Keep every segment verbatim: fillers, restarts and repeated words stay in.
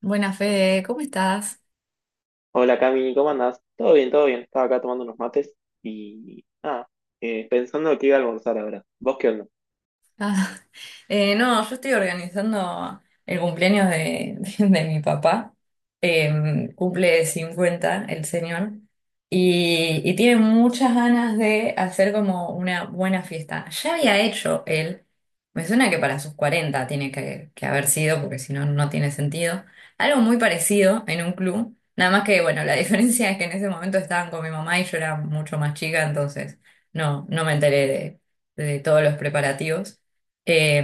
Buenas, Fede, ¿cómo estás? Hola Cami, ¿cómo andás? Todo bien, todo bien. Estaba acá tomando unos mates y nada, eh, pensando que iba a almorzar ahora. ¿Vos qué onda? Ah, eh, no, yo estoy organizando el cumpleaños de, de de mi papá. Em, cumple cincuenta el señor y, y tiene muchas ganas de hacer como una buena fiesta. Ya había hecho él, me suena que para sus cuarenta tiene que, que haber sido, porque si no, no tiene sentido. Algo muy parecido en un club, nada más que, bueno, la diferencia es que en ese momento estaban con mi mamá y yo era mucho más chica, entonces no, no me enteré de de todos los preparativos. Eh,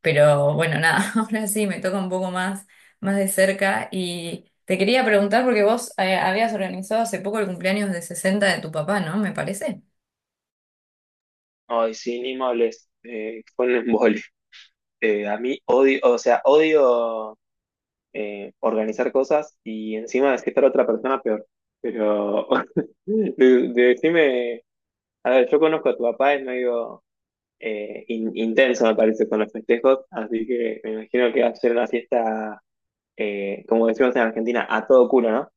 pero bueno, nada, ahora sí me toca un poco más, más de cerca y te quería preguntar porque vos eh, habías organizado hace poco el cumpleaños de sesenta de tu papá, ¿no? Me parece. Ay, sí, ni me hables. Eh, fue un embole. Eh, a mí odio, o sea, odio eh, organizar cosas y encima desquitar a otra persona peor. Pero de- decime, a ver, yo conozco a tu papá, es medio eh, in- intenso, me parece, con los festejos, así que me imagino que va a ser una fiesta, eh, como decimos en Argentina, a todo culo, ¿no?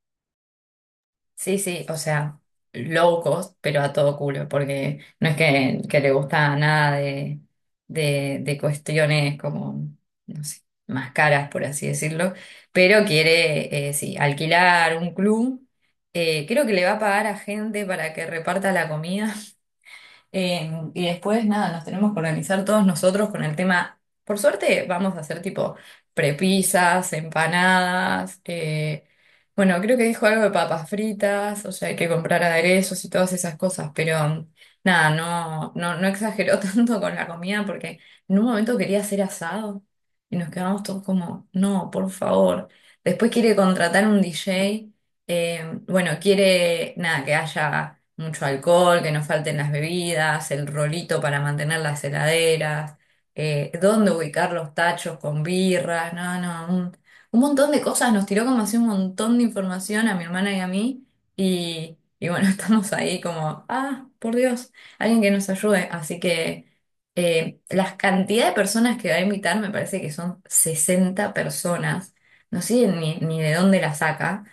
Sí, sí, o sea, low cost, pero a todo culo, porque no es que, que le gusta nada de, de, de cuestiones como, no sé, más caras, por así decirlo, pero quiere, eh, sí, alquilar un club. Eh, creo que le va a pagar a gente para que reparta la comida. Eh, y después, nada, nos tenemos que organizar todos nosotros con el tema. Por suerte, vamos a hacer tipo prepisas, empanadas. eh, bueno, creo que dijo algo de papas fritas, o sea, hay que comprar aderezos y todas esas cosas, pero nada, no, no, no exageró tanto con la comida porque en un momento quería hacer asado y nos quedamos todos como, no, por favor. Después quiere contratar un D J. Eh, bueno, quiere, nada, que haya mucho alcohol, que no falten las bebidas, el rolito para mantener las heladeras, eh, dónde ubicar los tachos con birras, no, no, un, un montón de cosas. Nos tiró como así un montón de información a mi hermana y a mí y, y bueno, estamos ahí como, ah, por Dios, alguien que nos ayude. Así que eh, las cantidad de personas que va a invitar me parece que son sesenta personas. No sé ni, ni de dónde la saca.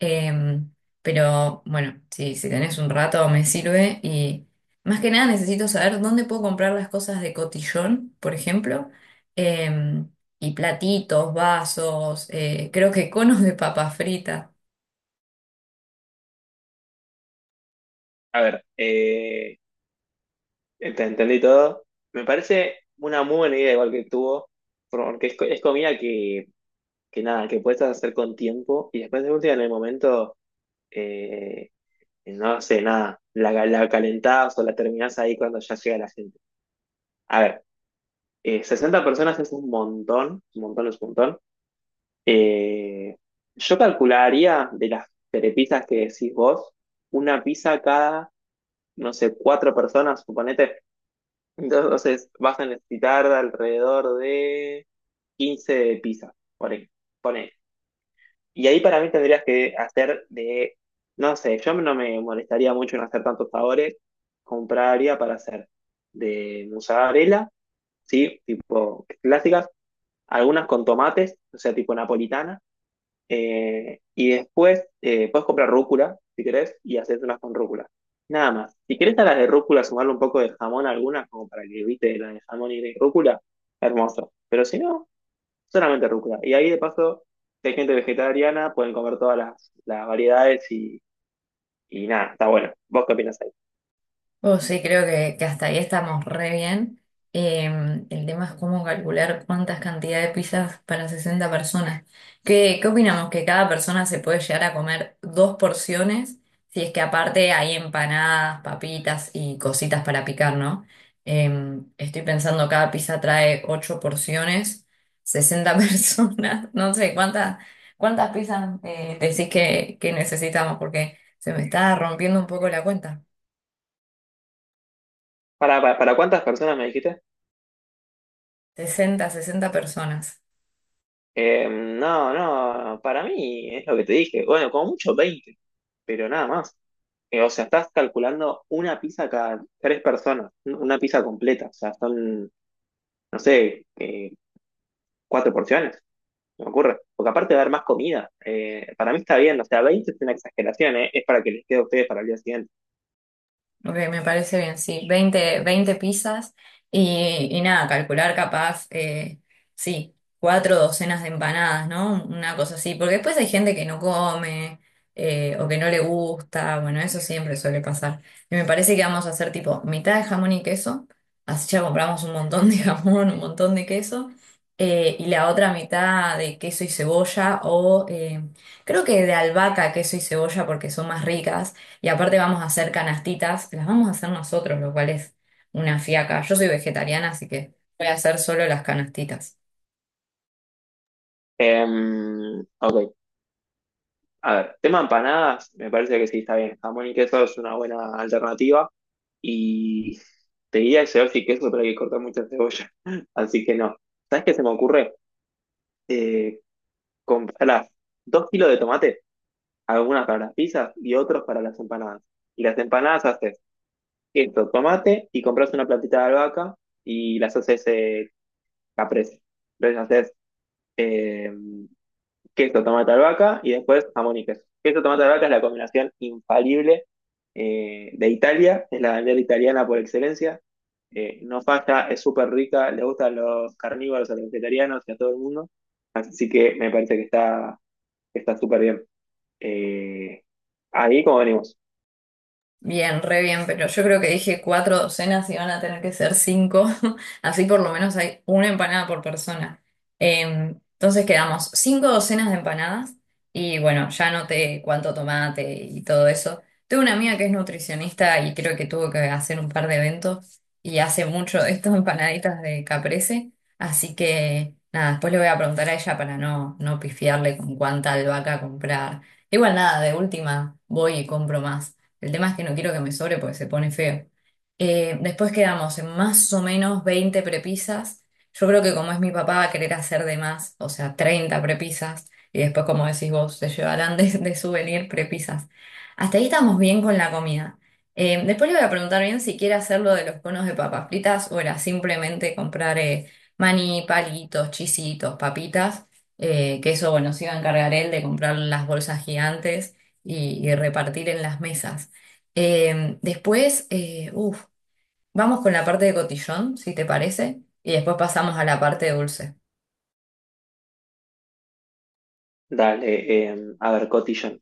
Em, pero bueno, si, si tenés un rato me sirve y más que nada necesito saber dónde puedo comprar las cosas de cotillón, por ejemplo, em, y platitos, vasos, eh, creo que conos de papas fritas. A ver, eh, ent- entendí todo. Me parece una muy buena idea igual que tuvo, porque es, co- es comida que, que nada, que puedes hacer con tiempo y después de última en el momento, eh, no sé, nada, la, la calentás o la terminás ahí cuando ya llega la gente. A ver, eh, sesenta personas es un montón, un montón es un montón. Eh, yo calcularía de las telepizzas que decís vos, una pizza cada, no sé, cuatro personas, suponete. Entonces vas a necesitar alrededor de quince pizzas, por ahí, ponele. Y ahí para mí tendrías que hacer de, no sé, yo no me molestaría mucho en hacer tantos sabores, compraría para hacer de mozzarella, ¿sí? Tipo clásicas, algunas con tomates, o sea, tipo napolitana eh, y después eh, puedes comprar rúcula, si querés, y hacerte unas con rúcula. Nada más. Si querés a las de rúcula sumarle un poco de jamón a algunas, como para que evite la de jamón y de rúcula, hermoso. Pero si no, solamente rúcula. Y ahí de paso, si hay gente vegetariana, pueden comer todas las, las variedades y, y nada, está bueno. ¿Vos qué opinas ahí? Oh, sí, creo que, que hasta ahí estamos re bien. Em, el tema es cómo calcular cuántas cantidades de pizzas para sesenta personas. ¿Qué, qué opinamos? ¿Que cada persona se puede llegar a comer dos porciones? Si es que aparte hay empanadas, papitas y cositas para picar, ¿no? Em, estoy pensando, cada pizza trae ocho porciones, sesenta personas. No sé, ¿cuántas, cuántas pizzas eh, decís que, que necesitamos? Porque se me está rompiendo un poco la cuenta. ¿Para, para, para cuántas personas me dijiste? sesenta sesenta personas. Eh, no, no, para mí es lo que te dije. Bueno, como mucho veinte pero nada más. Eh, o sea, estás calculando una pizza cada tres personas, una pizza completa. O sea, son, no sé, eh, cuatro porciones, me ocurre. Porque aparte de haber más comida, eh, para mí está bien. O sea, veinte es una exageración, eh, es para que les quede a ustedes para el día siguiente. Ok, me parece bien, sí. veinte veinte pizzas y, y nada, calcular capaz, eh, sí, cuatro docenas de empanadas, ¿no? Una cosa así, porque después hay gente que no come eh, o que no le gusta, bueno, eso siempre suele pasar. Y me parece que vamos a hacer tipo mitad de jamón y queso, así ya compramos un montón de jamón, un montón de queso, eh, y la otra mitad de queso y cebolla o... eh, creo que de albahaca, queso y cebolla porque son más ricas. Y aparte vamos a hacer canastitas, que las vamos a hacer nosotros, lo cual es una fiaca. Yo soy vegetariana, así que voy a hacer solo las canastitas. Em, ok, a ver, tema empanadas, me parece que sí está bien. Jamón y queso es una buena alternativa. Y te diría que cebolla y queso, pero hay que cortar mucha cebolla. Así que no. ¿Sabes qué se me ocurre? Eh, comprar dos kilos de tomate algunas para las pizzas y otros para las empanadas. Y las empanadas haces esto, tomate y compras una platita de albahaca y las haces eh, caprese. Entonces haces eh, queso, tomate, albahaca y después jamón y queso. Queso, tomate, albahaca es la combinación infalible eh, de Italia, es la bandera italiana por excelencia. Eh, no falla, es súper rica, le gustan los carnívoros, a los vegetarianos y a todo el mundo. Así que me parece que está que está súper bien. Eh, ahí como venimos. Bien, re bien, pero yo creo que dije cuatro docenas y van a tener que ser cinco, así por lo menos hay una empanada por persona. Em, entonces quedamos cinco docenas de empanadas y bueno, ya noté cuánto tomate y todo eso. Tengo una amiga que es nutricionista y creo que tuvo que hacer un par de eventos y hace mucho de estas empanaditas de caprese, así que nada, después le voy a preguntar a ella para no, no pifiarle con cuánta albahaca comprar. Igual nada, de última voy y compro más. El tema es que no quiero que me sobre porque se pone feo. Eh, después quedamos en más o menos veinte prepisas. Yo creo que como es mi papá va a querer hacer de más, o sea, treinta prepisas. Y después, como decís vos, se llevarán de, de souvenir prepisas. Hasta ahí estamos bien con la comida. Eh, después le voy a preguntar bien si quiere hacerlo de los conos de papas fritas o era simplemente comprar eh, maní, palitos, chisitos, papitas. eh, que eso, bueno, se iba a encargar él de comprar las bolsas gigantes y y repartir en las mesas. Eh, después, eh, uf, vamos con la parte de cotillón, si te parece, y después pasamos a la parte dulce. Dale, em, a ver, cotillón.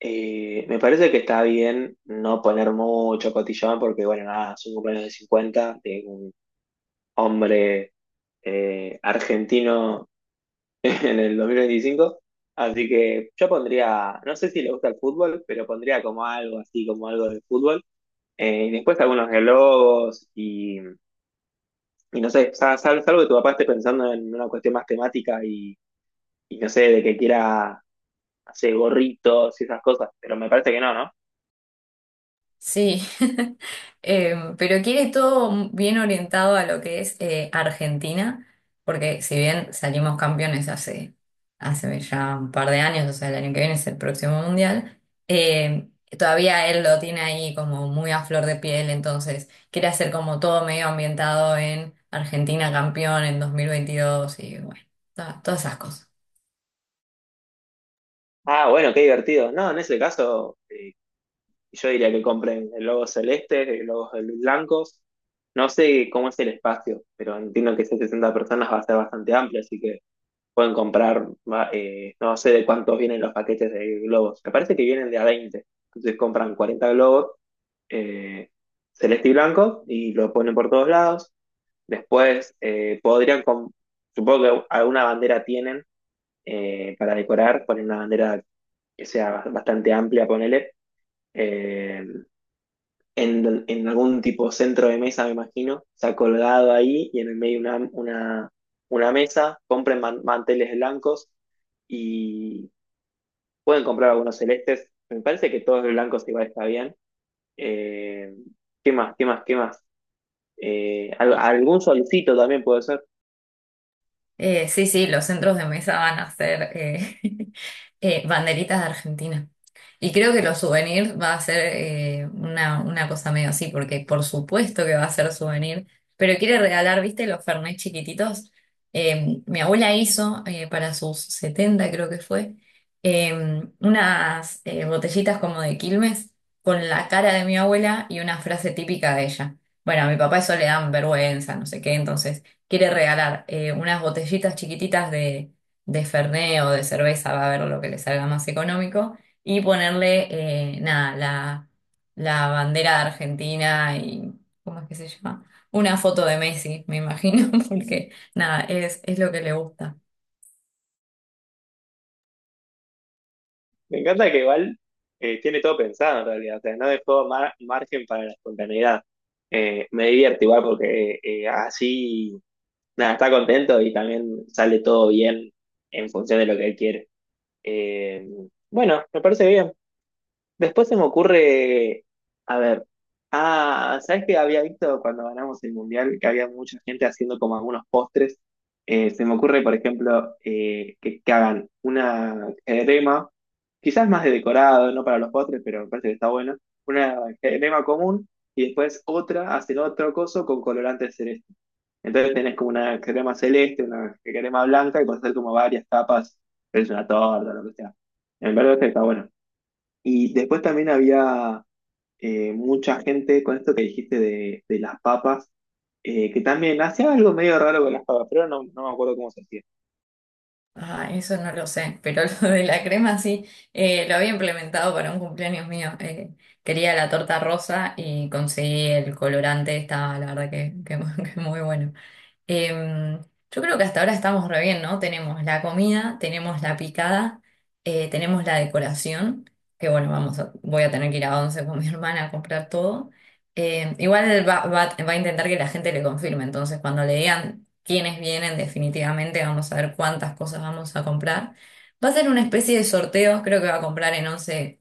Eh, me parece que está bien no poner mucho cotillón porque, bueno, nada, es un cumpleaños de cincuenta de un hombre eh, argentino en el dos mil veinticinco. Así que yo pondría, no sé si le gusta el fútbol, pero pondría como algo así, como algo de fútbol. Eh, y después algunos globos y, y no sé, sal- sal- salvo que tu papá esté pensando en una cuestión más temática y, y no sé, de que quiera hace gorritos y esas cosas, pero me parece que no, ¿no? Sí, Em, pero quiere todo bien orientado a lo que es eh, Argentina, porque si bien salimos campeones hace, hace ya un par de años, o sea, el año que viene es el próximo mundial, em, todavía él lo tiene ahí como muy a flor de piel, entonces quiere hacer como todo medio ambientado en Argentina campeón en dos mil veintidós y bueno, to- todas esas cosas. Ah, bueno, qué divertido. No, en ese caso, eh, yo diría que compren el logo celeste, el logo de los blancos. No sé cómo es el espacio, pero entiendo que esas sesenta personas va a ser bastante amplio, así que pueden comprar, va, eh, no sé de cuántos vienen los paquetes de globos. Me parece que vienen de a veinte entonces compran cuarenta globos eh, celeste y blanco y lo ponen por todos lados. Después eh, podrían, com- supongo que alguna bandera tienen, eh, para decorar, poner una bandera que sea bastante amplia, ponele. eh, en, en algún tipo centro de mesa, me imagino, se ha colgado ahí y en el medio una, una, una, mesa, compren man- manteles blancos y pueden comprar algunos celestes. Me parece que todos los blancos igual está bien. Eh, ¿qué más? ¿Qué más? ¿Qué más? Eh, al- algún solcito también puede ser. Eh, sí, sí, los centros de mesa van a ser eh, eh, banderitas de Argentina. Y creo que los souvenirs va a ser eh, una, una cosa medio así, porque por supuesto que va a ser souvenir, pero quiere regalar, ¿viste? Los Fernet chiquititos. Eh, mi abuela hizo eh, para sus setenta creo que fue, eh, unas eh, botellitas como de Quilmes con la cara de mi abuela y una frase típica de ella. Bueno, a mi papá eso le dan vergüenza, no sé qué, entonces quiere regalar eh, unas botellitas chiquititas de, de Fernet o de cerveza, va a ver lo que le salga más económico, y ponerle, eh, nada, la, la bandera de Argentina y, ¿cómo es que se llama? Una foto de Messi, me imagino, porque nada, es, es lo que le gusta. Me encanta que igual eh, tiene todo pensado en realidad, o sea, no dejó mar- margen para la espontaneidad. Eh, me divierte igual porque eh, eh, así, nada, está contento y también sale todo bien en función de lo que él quiere. Eh, bueno, me parece bien. Después se me ocurre, a ver, ah, ¿sabes qué había visto cuando ganamos el mundial? Que había mucha gente haciendo como algunos postres. Eh, se me ocurre, por ejemplo, eh, que, que hagan una crema, quizás más de decorado, no para los postres, pero me parece que está bueno. Una crema común y después otra, hacen otro coso con colorante celeste. Entonces tenés como una crema celeste, una crema blanca y puedes hacer como varias capas, es una torta, lo que sea. Me parece que está bueno. Y después también había eh, mucha gente con esto que dijiste de, de las papas, eh, que también hacía algo medio raro con las papas, pero no, no me acuerdo cómo se hacía. Ah, eso no lo sé, pero lo de la crema sí, eh, lo había implementado para un cumpleaños mío. eh, quería la torta rosa y conseguí el colorante, estaba la verdad que, que que muy bueno. Em, yo creo que hasta ahora estamos re bien, ¿no? Tenemos la comida, tenemos la picada, eh, tenemos la decoración, que bueno, vamos a- voy a tener que ir a Once con mi hermana a comprar todo. Em, igual va, va- va a intentar que la gente le confirme, entonces cuando le digan quiénes vienen, definitivamente vamos a ver cuántas cosas vamos a comprar. Va a ser una especie de sorteo, creo que va a comprar en Once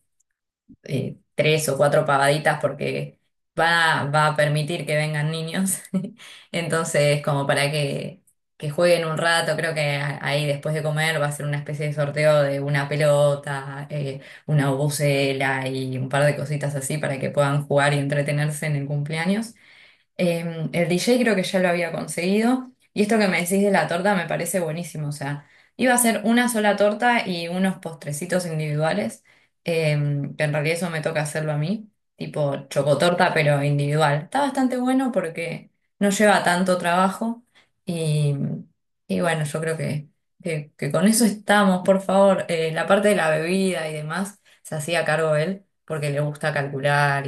eh, tres o cuatro pagaditas porque va, va a permitir que vengan niños. Entonces, como para que, que jueguen un rato, creo que a- ahí después de comer va a ser una especie de sorteo de una pelota, eh, una bucela y un par de cositas así para que puedan jugar y entretenerse en el cumpleaños. Eh, el D J creo que ya lo había conseguido. Y esto que me decís de la torta me parece buenísimo. O sea, iba a ser una sola torta y unos postrecitos individuales. eh, que en realidad eso me toca hacerlo a mí. Tipo chocotorta, pero individual. Está bastante bueno porque no lleva tanto trabajo. Y, y bueno, yo creo que, que, que con eso estamos, por favor. Eh, la parte de la bebida y demás se hacía cargo él porque le gusta calcular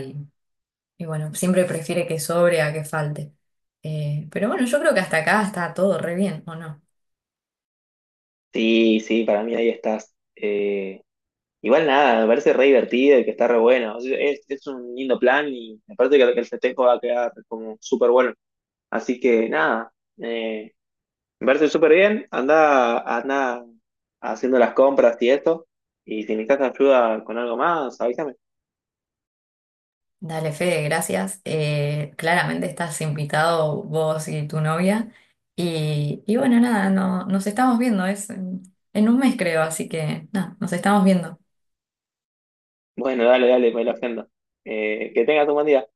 y bueno, siempre prefiere que sobre a que falte. Eh, pero bueno, yo creo que hasta acá está todo re bien, ¿o no? Sí, sí, para mí ahí estás. Eh, igual nada, me parece re divertido y que está re bueno. Es, es un lindo plan y me parece que el festejo va a quedar como súper bueno. Así que nada, eh, me parece súper bien. Anda, anda haciendo las compras y esto. Y si necesitas ayuda con algo más, avísame. Dale, Fede, gracias. Eh, claramente estás invitado vos y tu novia. Y, y bueno, nada, no, nos estamos viendo, es en en un mes creo, así que nada, nos estamos viendo. Bueno, dale, dale, me lo agenda. Eh, que tengas un buen día.